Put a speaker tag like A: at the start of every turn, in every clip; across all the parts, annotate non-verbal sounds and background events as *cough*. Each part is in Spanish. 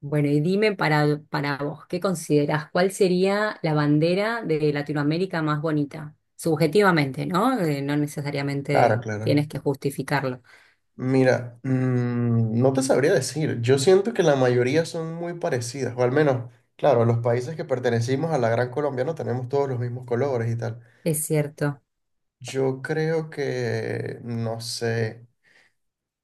A: Bueno, y dime para vos, ¿qué considerás? ¿Cuál sería la bandera de Latinoamérica más bonita? Subjetivamente, ¿no? No
B: Claro,
A: necesariamente
B: claro.
A: tienes que justificarlo.
B: Mira, no te sabría decir. Yo siento que la mayoría son muy parecidas, o al menos, claro, los países que pertenecimos a la Gran Colombia no tenemos todos los mismos colores y tal.
A: Es cierto.
B: Yo creo que, no sé.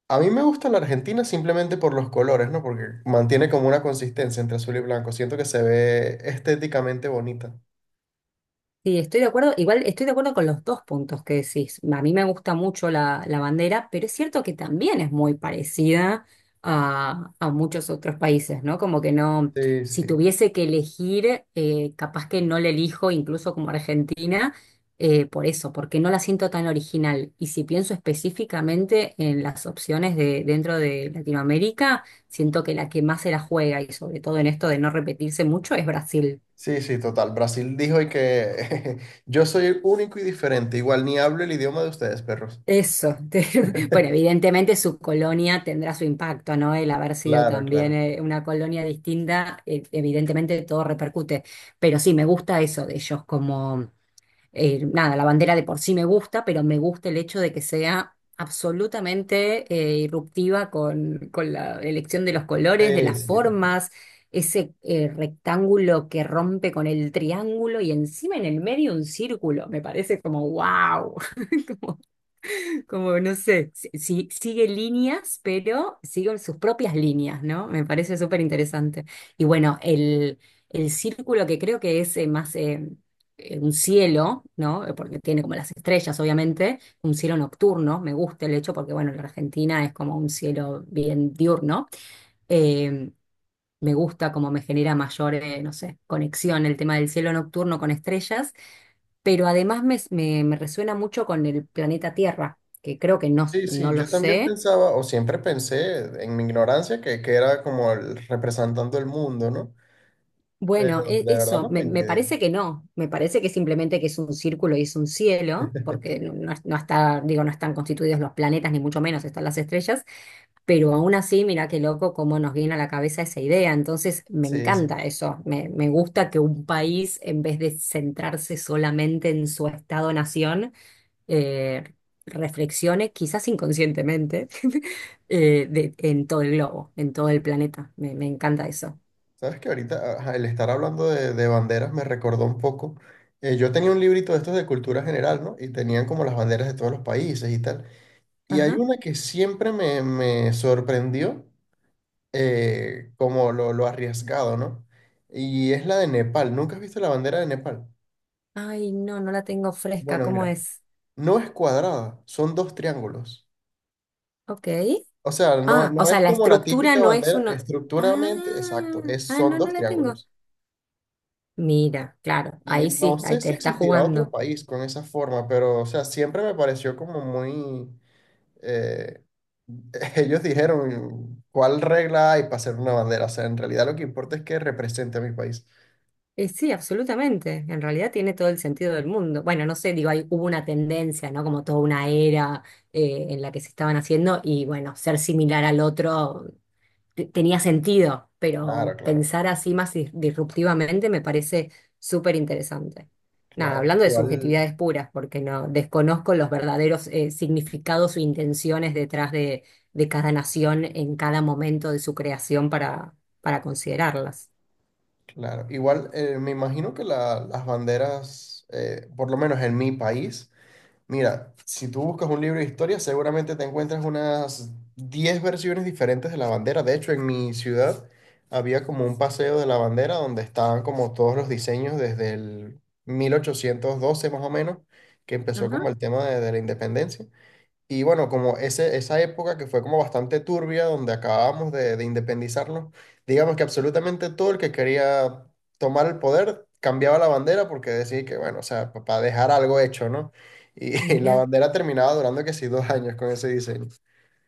B: A mí me gusta la Argentina simplemente por los colores, ¿no? Porque mantiene como una consistencia entre azul y blanco. Siento que se ve estéticamente bonita.
A: Sí, estoy de acuerdo. Igual estoy de acuerdo con los dos puntos que decís. A mí me gusta mucho la bandera, pero es cierto que también es muy parecida a muchos otros países, ¿no? Como que no,
B: Sí,
A: si
B: sí.
A: tuviese que elegir, capaz que no la elijo, incluso como Argentina, por eso, porque no la siento tan original. Y si pienso específicamente en las opciones de dentro de Latinoamérica, siento que la que más se la juega, y sobre todo en esto de no repetirse mucho, es Brasil.
B: Sí, sí, total. Brasil dijo y que *laughs* yo soy único y diferente. Igual ni hablo el idioma de ustedes, perros.
A: Eso. *laughs* Bueno, evidentemente su colonia tendrá su impacto, ¿no? El haber sido
B: Claro,
A: también
B: claro.
A: una colonia distinta, evidentemente todo repercute. Pero sí, me gusta eso de ellos, como, nada, la bandera de por sí me gusta, pero me gusta el hecho de que sea absolutamente irruptiva con la elección de los colores, de
B: Sí,
A: las
B: sí, total.
A: formas, ese rectángulo que rompe con el triángulo y encima en el medio un círculo. Me parece como, wow. *laughs* Como, no sé, sigue líneas, pero siguen sus propias líneas, ¿no? Me parece súper interesante. Y bueno, el círculo que creo que es más un cielo, ¿no? Porque tiene como las estrellas, obviamente, un cielo nocturno, me gusta el hecho porque, bueno, la Argentina es como un cielo bien diurno. eh, Me gusta, como me genera mayor, no sé, conexión el tema del cielo nocturno con estrellas, pero además me resuena mucho con el planeta Tierra, que creo que no,
B: Sí, sí,
A: no lo
B: yo también
A: sé.
B: pensaba, o siempre pensé en mi ignorancia que era como el representando el mundo, ¿no?
A: Bueno,
B: Pero de verdad
A: eso,
B: no tengo
A: me
B: idea.
A: parece que no, me parece que simplemente que es un círculo y es un cielo, porque no, no está, digo, no están constituidos los planetas, ni mucho menos están las estrellas, pero aún así, mira qué loco cómo nos viene a la cabeza esa idea, entonces me
B: Sí, sí.
A: encanta eso, me gusta que un país, en vez de centrarse solamente en su estado-nación, eh, reflexione, quizás inconscientemente, *laughs* en todo el globo, en todo el planeta, me encanta eso.
B: Sabes que ahorita ajá, el estar hablando de banderas me recordó un poco. Yo tenía un librito de estos de cultura general, ¿no? Y tenían como las banderas de todos los países y tal. Y hay una que siempre me sorprendió, como lo arriesgado, ¿no? Y es la de Nepal. ¿Nunca has visto la bandera de Nepal?
A: Ay, no, no la tengo fresca.
B: Bueno,
A: ¿Cómo
B: mira.
A: es?
B: No es cuadrada, son dos triángulos.
A: Ok.
B: O sea,
A: Ah, o
B: no
A: sea,
B: es
A: la
B: como la
A: estructura
B: típica
A: no es
B: bandera
A: uno. Ah,
B: estructuralmente, exacto, es,
A: ah,
B: son
A: no, no
B: dos
A: la tengo.
B: triángulos.
A: Mira, claro,
B: Y
A: ahí
B: no
A: sí, ahí
B: sé
A: te
B: si
A: está
B: existirá otro
A: jugando.
B: país con esa forma, pero, o sea, siempre me pareció como muy... eh, *laughs* ellos dijeron, ¿cuál regla hay para hacer una bandera? O sea, en realidad lo que importa es que represente a mi país.
A: Sí, absolutamente. En realidad tiene todo el sentido del mundo. Bueno, no sé, digo, hay, hubo una tendencia, ¿no? Como toda una era en la que se estaban haciendo y bueno, ser similar al otro tenía sentido,
B: Claro,
A: pero
B: claro,
A: pensar así más disruptivamente me parece súper interesante. Nada,
B: claro.
A: hablando de
B: Igual,
A: subjetividades puras, porque no desconozco los verdaderos significados o intenciones detrás de cada nación en cada momento de su creación para considerarlas.
B: claro. Igual, me imagino que las banderas, por lo menos en mi país, mira, si tú buscas un libro de historia, seguramente te encuentras unas 10 versiones diferentes de la bandera. De hecho, en mi ciudad había como un paseo de la bandera donde estaban como todos los diseños desde el 1812 más o menos, que empezó
A: Ajá.
B: como el tema de la independencia. Y bueno, como esa época que fue como bastante turbia, donde acabábamos de independizarnos, digamos que absolutamente todo el que quería tomar el poder cambiaba la bandera porque decía que, bueno, o sea, para dejar algo hecho, ¿no? Y *laughs* y la
A: Mira,
B: bandera terminaba durando que sí 2 años con ese diseño.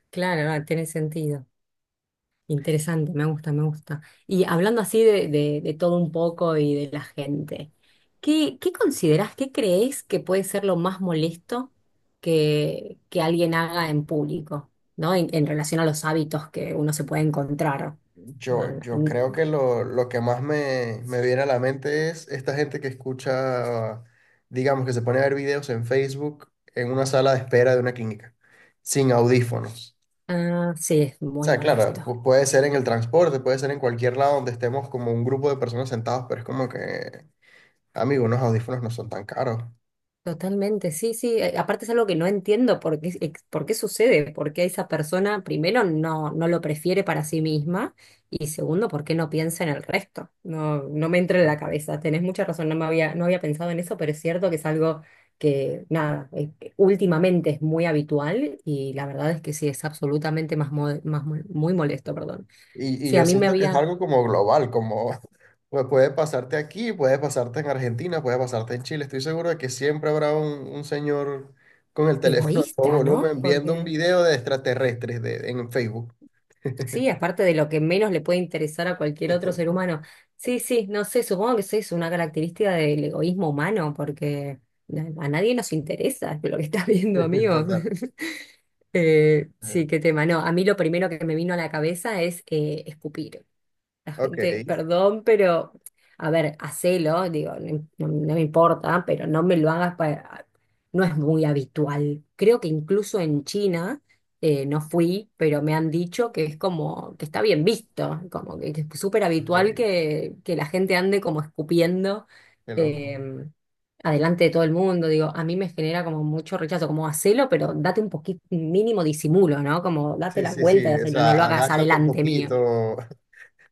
A: claro, no, tiene sentido. Interesante, me gusta, me gusta. Y hablando así de, de todo un poco y de la gente, ¿qué considerás, qué crees que puede ser lo más molesto que alguien haga en público, ¿no? En relación a los hábitos que uno se puede encontrar.
B: Yo creo que lo que más me viene a la mente es esta gente que escucha, digamos, que se pone a ver videos en Facebook en una sala de espera de una clínica, sin audífonos.
A: Ah, sí, es
B: O
A: muy
B: sea, claro,
A: molesto.
B: puede ser en el transporte, puede ser en cualquier lado donde estemos como un grupo de personas sentados, pero es como que, amigo, unos audífonos no son tan caros.
A: Totalmente, sí, sí. Aparte es algo que no entiendo por qué, por qué sucede, por qué esa persona primero no, no lo prefiere para sí misma y segundo, por qué no piensa en el resto. No, no me entra en la cabeza. Tenés mucha razón, no me había, no había pensado en eso, pero es cierto que es algo que, nada, últimamente es muy habitual y la verdad es que sí, es absolutamente más, más muy molesto, perdón.
B: Y
A: Sí, a
B: yo
A: mí me
B: siento que es
A: había
B: algo como global, como *laughs* pues, puede pasarte aquí, puede pasarte en Argentina, puede pasarte en Chile. Estoy seguro de que siempre habrá un señor con el *laughs* teléfono a todo
A: egoísta, ¿no?
B: volumen viendo un
A: Porque
B: video de extraterrestres de, en Facebook.
A: sí, aparte de lo que menos le puede interesar a cualquier otro ser humano. Sí, sí, no sé, supongo que eso es una característica del egoísmo humano, porque a nadie nos interesa lo que estás viendo,
B: *laughs*
A: amigos.
B: Total.
A: *laughs*
B: Eh,
A: Sí, qué tema. No, a mí lo primero que me vino a la cabeza es escupir. La
B: Ok,
A: gente, perdón, pero, a ver, hacelo, digo, no, no me importa, pero no me lo hagas para... No es muy habitual. Creo que incluso en China, no fui, pero me han dicho que es como, que está bien visto, como que es súper habitual
B: ok,
A: que la gente ande como escupiendo
B: qué loco.
A: eh, adelante de todo el mundo. Digo, a mí me genera como mucho rechazo, como hacelo, pero date un poquito, mínimo disimulo, ¿no? Como date
B: Sí,
A: la
B: sí,
A: vuelta
B: sí,
A: y
B: o
A: hacelo, no lo
B: sea,
A: hagas
B: agáchate un
A: adelante mío.
B: poquito.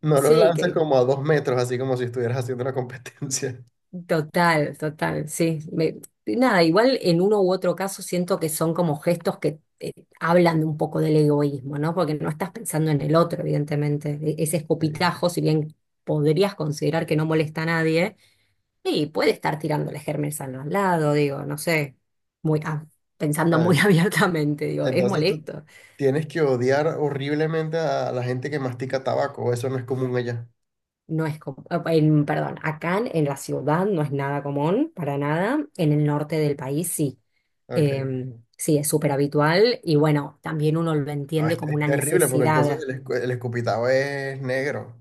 B: No lo
A: Sí,
B: lances
A: que
B: como a 2 metros, así como si estuvieras haciendo una competencia. *laughs*
A: total, total, sí. Nada, igual en uno u otro caso siento que son como gestos que hablan un poco del egoísmo, ¿no? Porque no estás pensando en el otro, evidentemente. Ese
B: Sí, sí.
A: escopitajo, si bien podrías considerar que no molesta a nadie, y puede estar tirándole gérmenes al lado, digo, no sé, muy, pensando
B: Ah,
A: muy *laughs*
B: ent-
A: abiertamente, digo, es
B: Entonces tú
A: molesto.
B: tienes que odiar horriblemente a la gente que mastica tabaco. Eso no es común allá.
A: No es común, en, perdón, acá en la ciudad no es nada común, para nada. En el norte del país sí.
B: Ok.
A: Em, sí, es súper habitual y bueno, también uno lo
B: No,
A: entiende como
B: es
A: una
B: terrible porque entonces
A: necesidad.
B: el, el escupitajo es negro.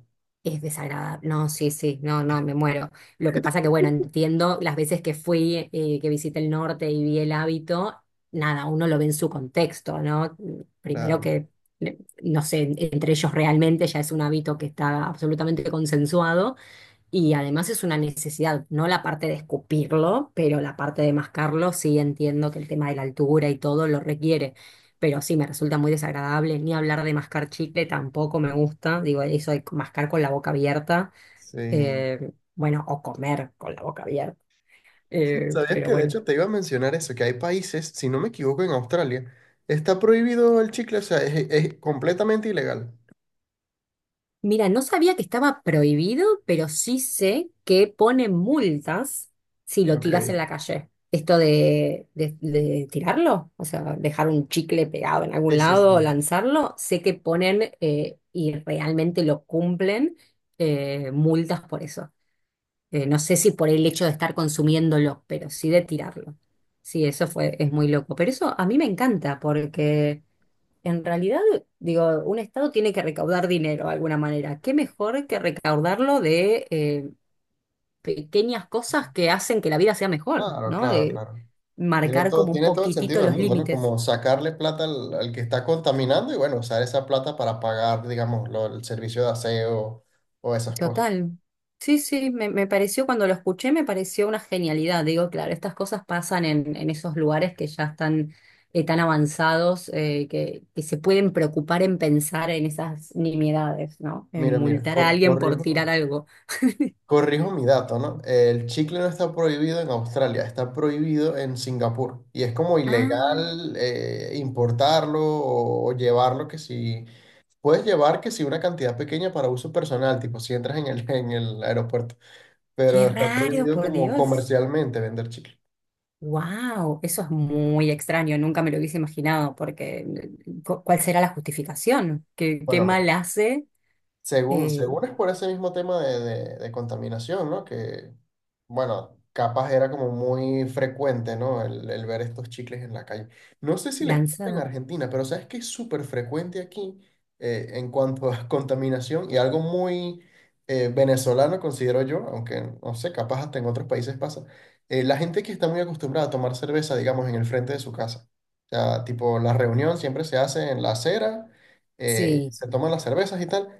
A: Es desagradable. No, sí, sí, no, no, me muero. Lo que pasa que, bueno, entiendo las veces que fui, que visité el norte y vi el hábito, nada, uno lo ve en su contexto, ¿no? Primero
B: Claro.
A: que, no sé, entre ellos realmente ya es un hábito que está absolutamente consensuado y además es una necesidad, no la parte de escupirlo, pero la parte de mascarlo, sí entiendo que el tema de la altura y todo lo requiere. Pero sí, me resulta muy desagradable. Ni hablar de mascar chicle tampoco me gusta. Digo, eso de mascar con la boca abierta.
B: Sí.
A: Bueno, o comer con la boca abierta.
B: ¿Sabías
A: Pero
B: que de
A: bueno.
B: hecho te iba a mencionar eso? Que hay países, si no me equivoco, en Australia, está prohibido el chicle, o sea, es completamente ilegal.
A: Mira, no sabía que estaba prohibido, pero sí sé que ponen multas si lo tiras en la
B: Ok.
A: calle. Esto de, de tirarlo, o sea, dejar un chicle pegado en algún
B: Sí, sí,
A: lado o
B: sí.
A: lanzarlo, sé que ponen y realmente lo cumplen multas por eso. No sé si por el hecho de estar consumiéndolo, pero sí de tirarlo. Sí, eso fue, es muy loco. Pero eso a mí me encanta porque... En realidad, digo, un Estado tiene que recaudar dinero de alguna manera. ¿Qué mejor que recaudarlo de pequeñas cosas que hacen que la vida sea mejor,
B: Claro,
A: ¿no?
B: claro,
A: De
B: claro.
A: marcar como un
B: Tiene todo el
A: poquitito
B: sentido del
A: los
B: mundo, ¿no?
A: límites.
B: Como sacarle plata al, al que está contaminando y bueno, usar esa plata para pagar, digamos, el servicio de aseo o esas cosas.
A: Total. Sí, sí, me pareció, cuando lo escuché, me pareció una genialidad. Digo, claro, estas cosas pasan en esos lugares que ya están tan avanzados, que se pueden preocupar en pensar en esas nimiedades, ¿no? En
B: Mira, mira,
A: multar a alguien por tirar
B: corrijo,
A: algo.
B: corrijo mi dato, ¿no? El chicle no está prohibido en Australia, está prohibido en Singapur y es como
A: Ah,
B: ilegal importarlo o llevarlo que si... Puedes llevar que si una cantidad pequeña para uso personal, tipo si entras en el, *laughs* en el aeropuerto,
A: qué
B: pero está
A: raro,
B: prohibido
A: por
B: como
A: Dios.
B: comercialmente vender chicle.
A: Wow, eso es muy extraño, nunca me lo hubiese imaginado, porque ¿cuál será la justificación? ¿Qué, qué
B: Bueno,
A: mal hace
B: según,
A: eh,
B: según es por ese mismo tema de, de contaminación, ¿no? Que, bueno, capaz era como muy frecuente, ¿no? El ver estos chicles en la calle. No sé si les pasa en
A: lanzado?
B: Argentina, pero sabes que es súper frecuente aquí en cuanto a *laughs* contaminación y algo muy venezolano, considero yo, aunque no sé, capaz hasta en otros países pasa. La gente que está muy acostumbrada a tomar cerveza, digamos, en el frente de su casa. O sea, tipo, la reunión siempre se hace en la acera,
A: Sí,
B: se toman las cervezas y tal.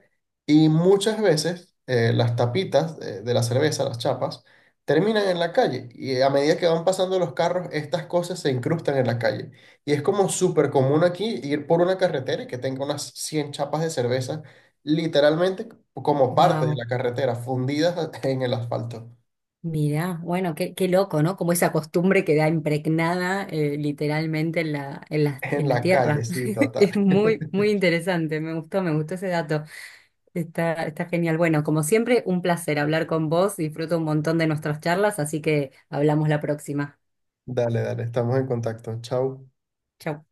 B: Y muchas veces las tapitas de la cerveza, las chapas, terminan en la calle. Y a medida que van pasando los carros, estas cosas se incrustan en la calle. Y es como súper común aquí ir por una carretera y que tenga unas 100 chapas de cerveza, literalmente como parte de
A: wow,
B: la carretera, fundidas *laughs* en el asfalto.
A: mira, bueno, qué, qué loco, ¿no? Como esa costumbre queda impregnada literalmente en la, en la,
B: En
A: en la
B: la calle,
A: tierra.
B: sí,
A: *laughs*
B: total.
A: Es
B: *laughs*
A: muy, muy interesante, me gustó ese dato. Está, está genial. Bueno, como siempre, un placer hablar con vos, disfruto un montón de nuestras charlas, así que hablamos la próxima.
B: Dale, dale, estamos en contacto. Chao.
A: Chao.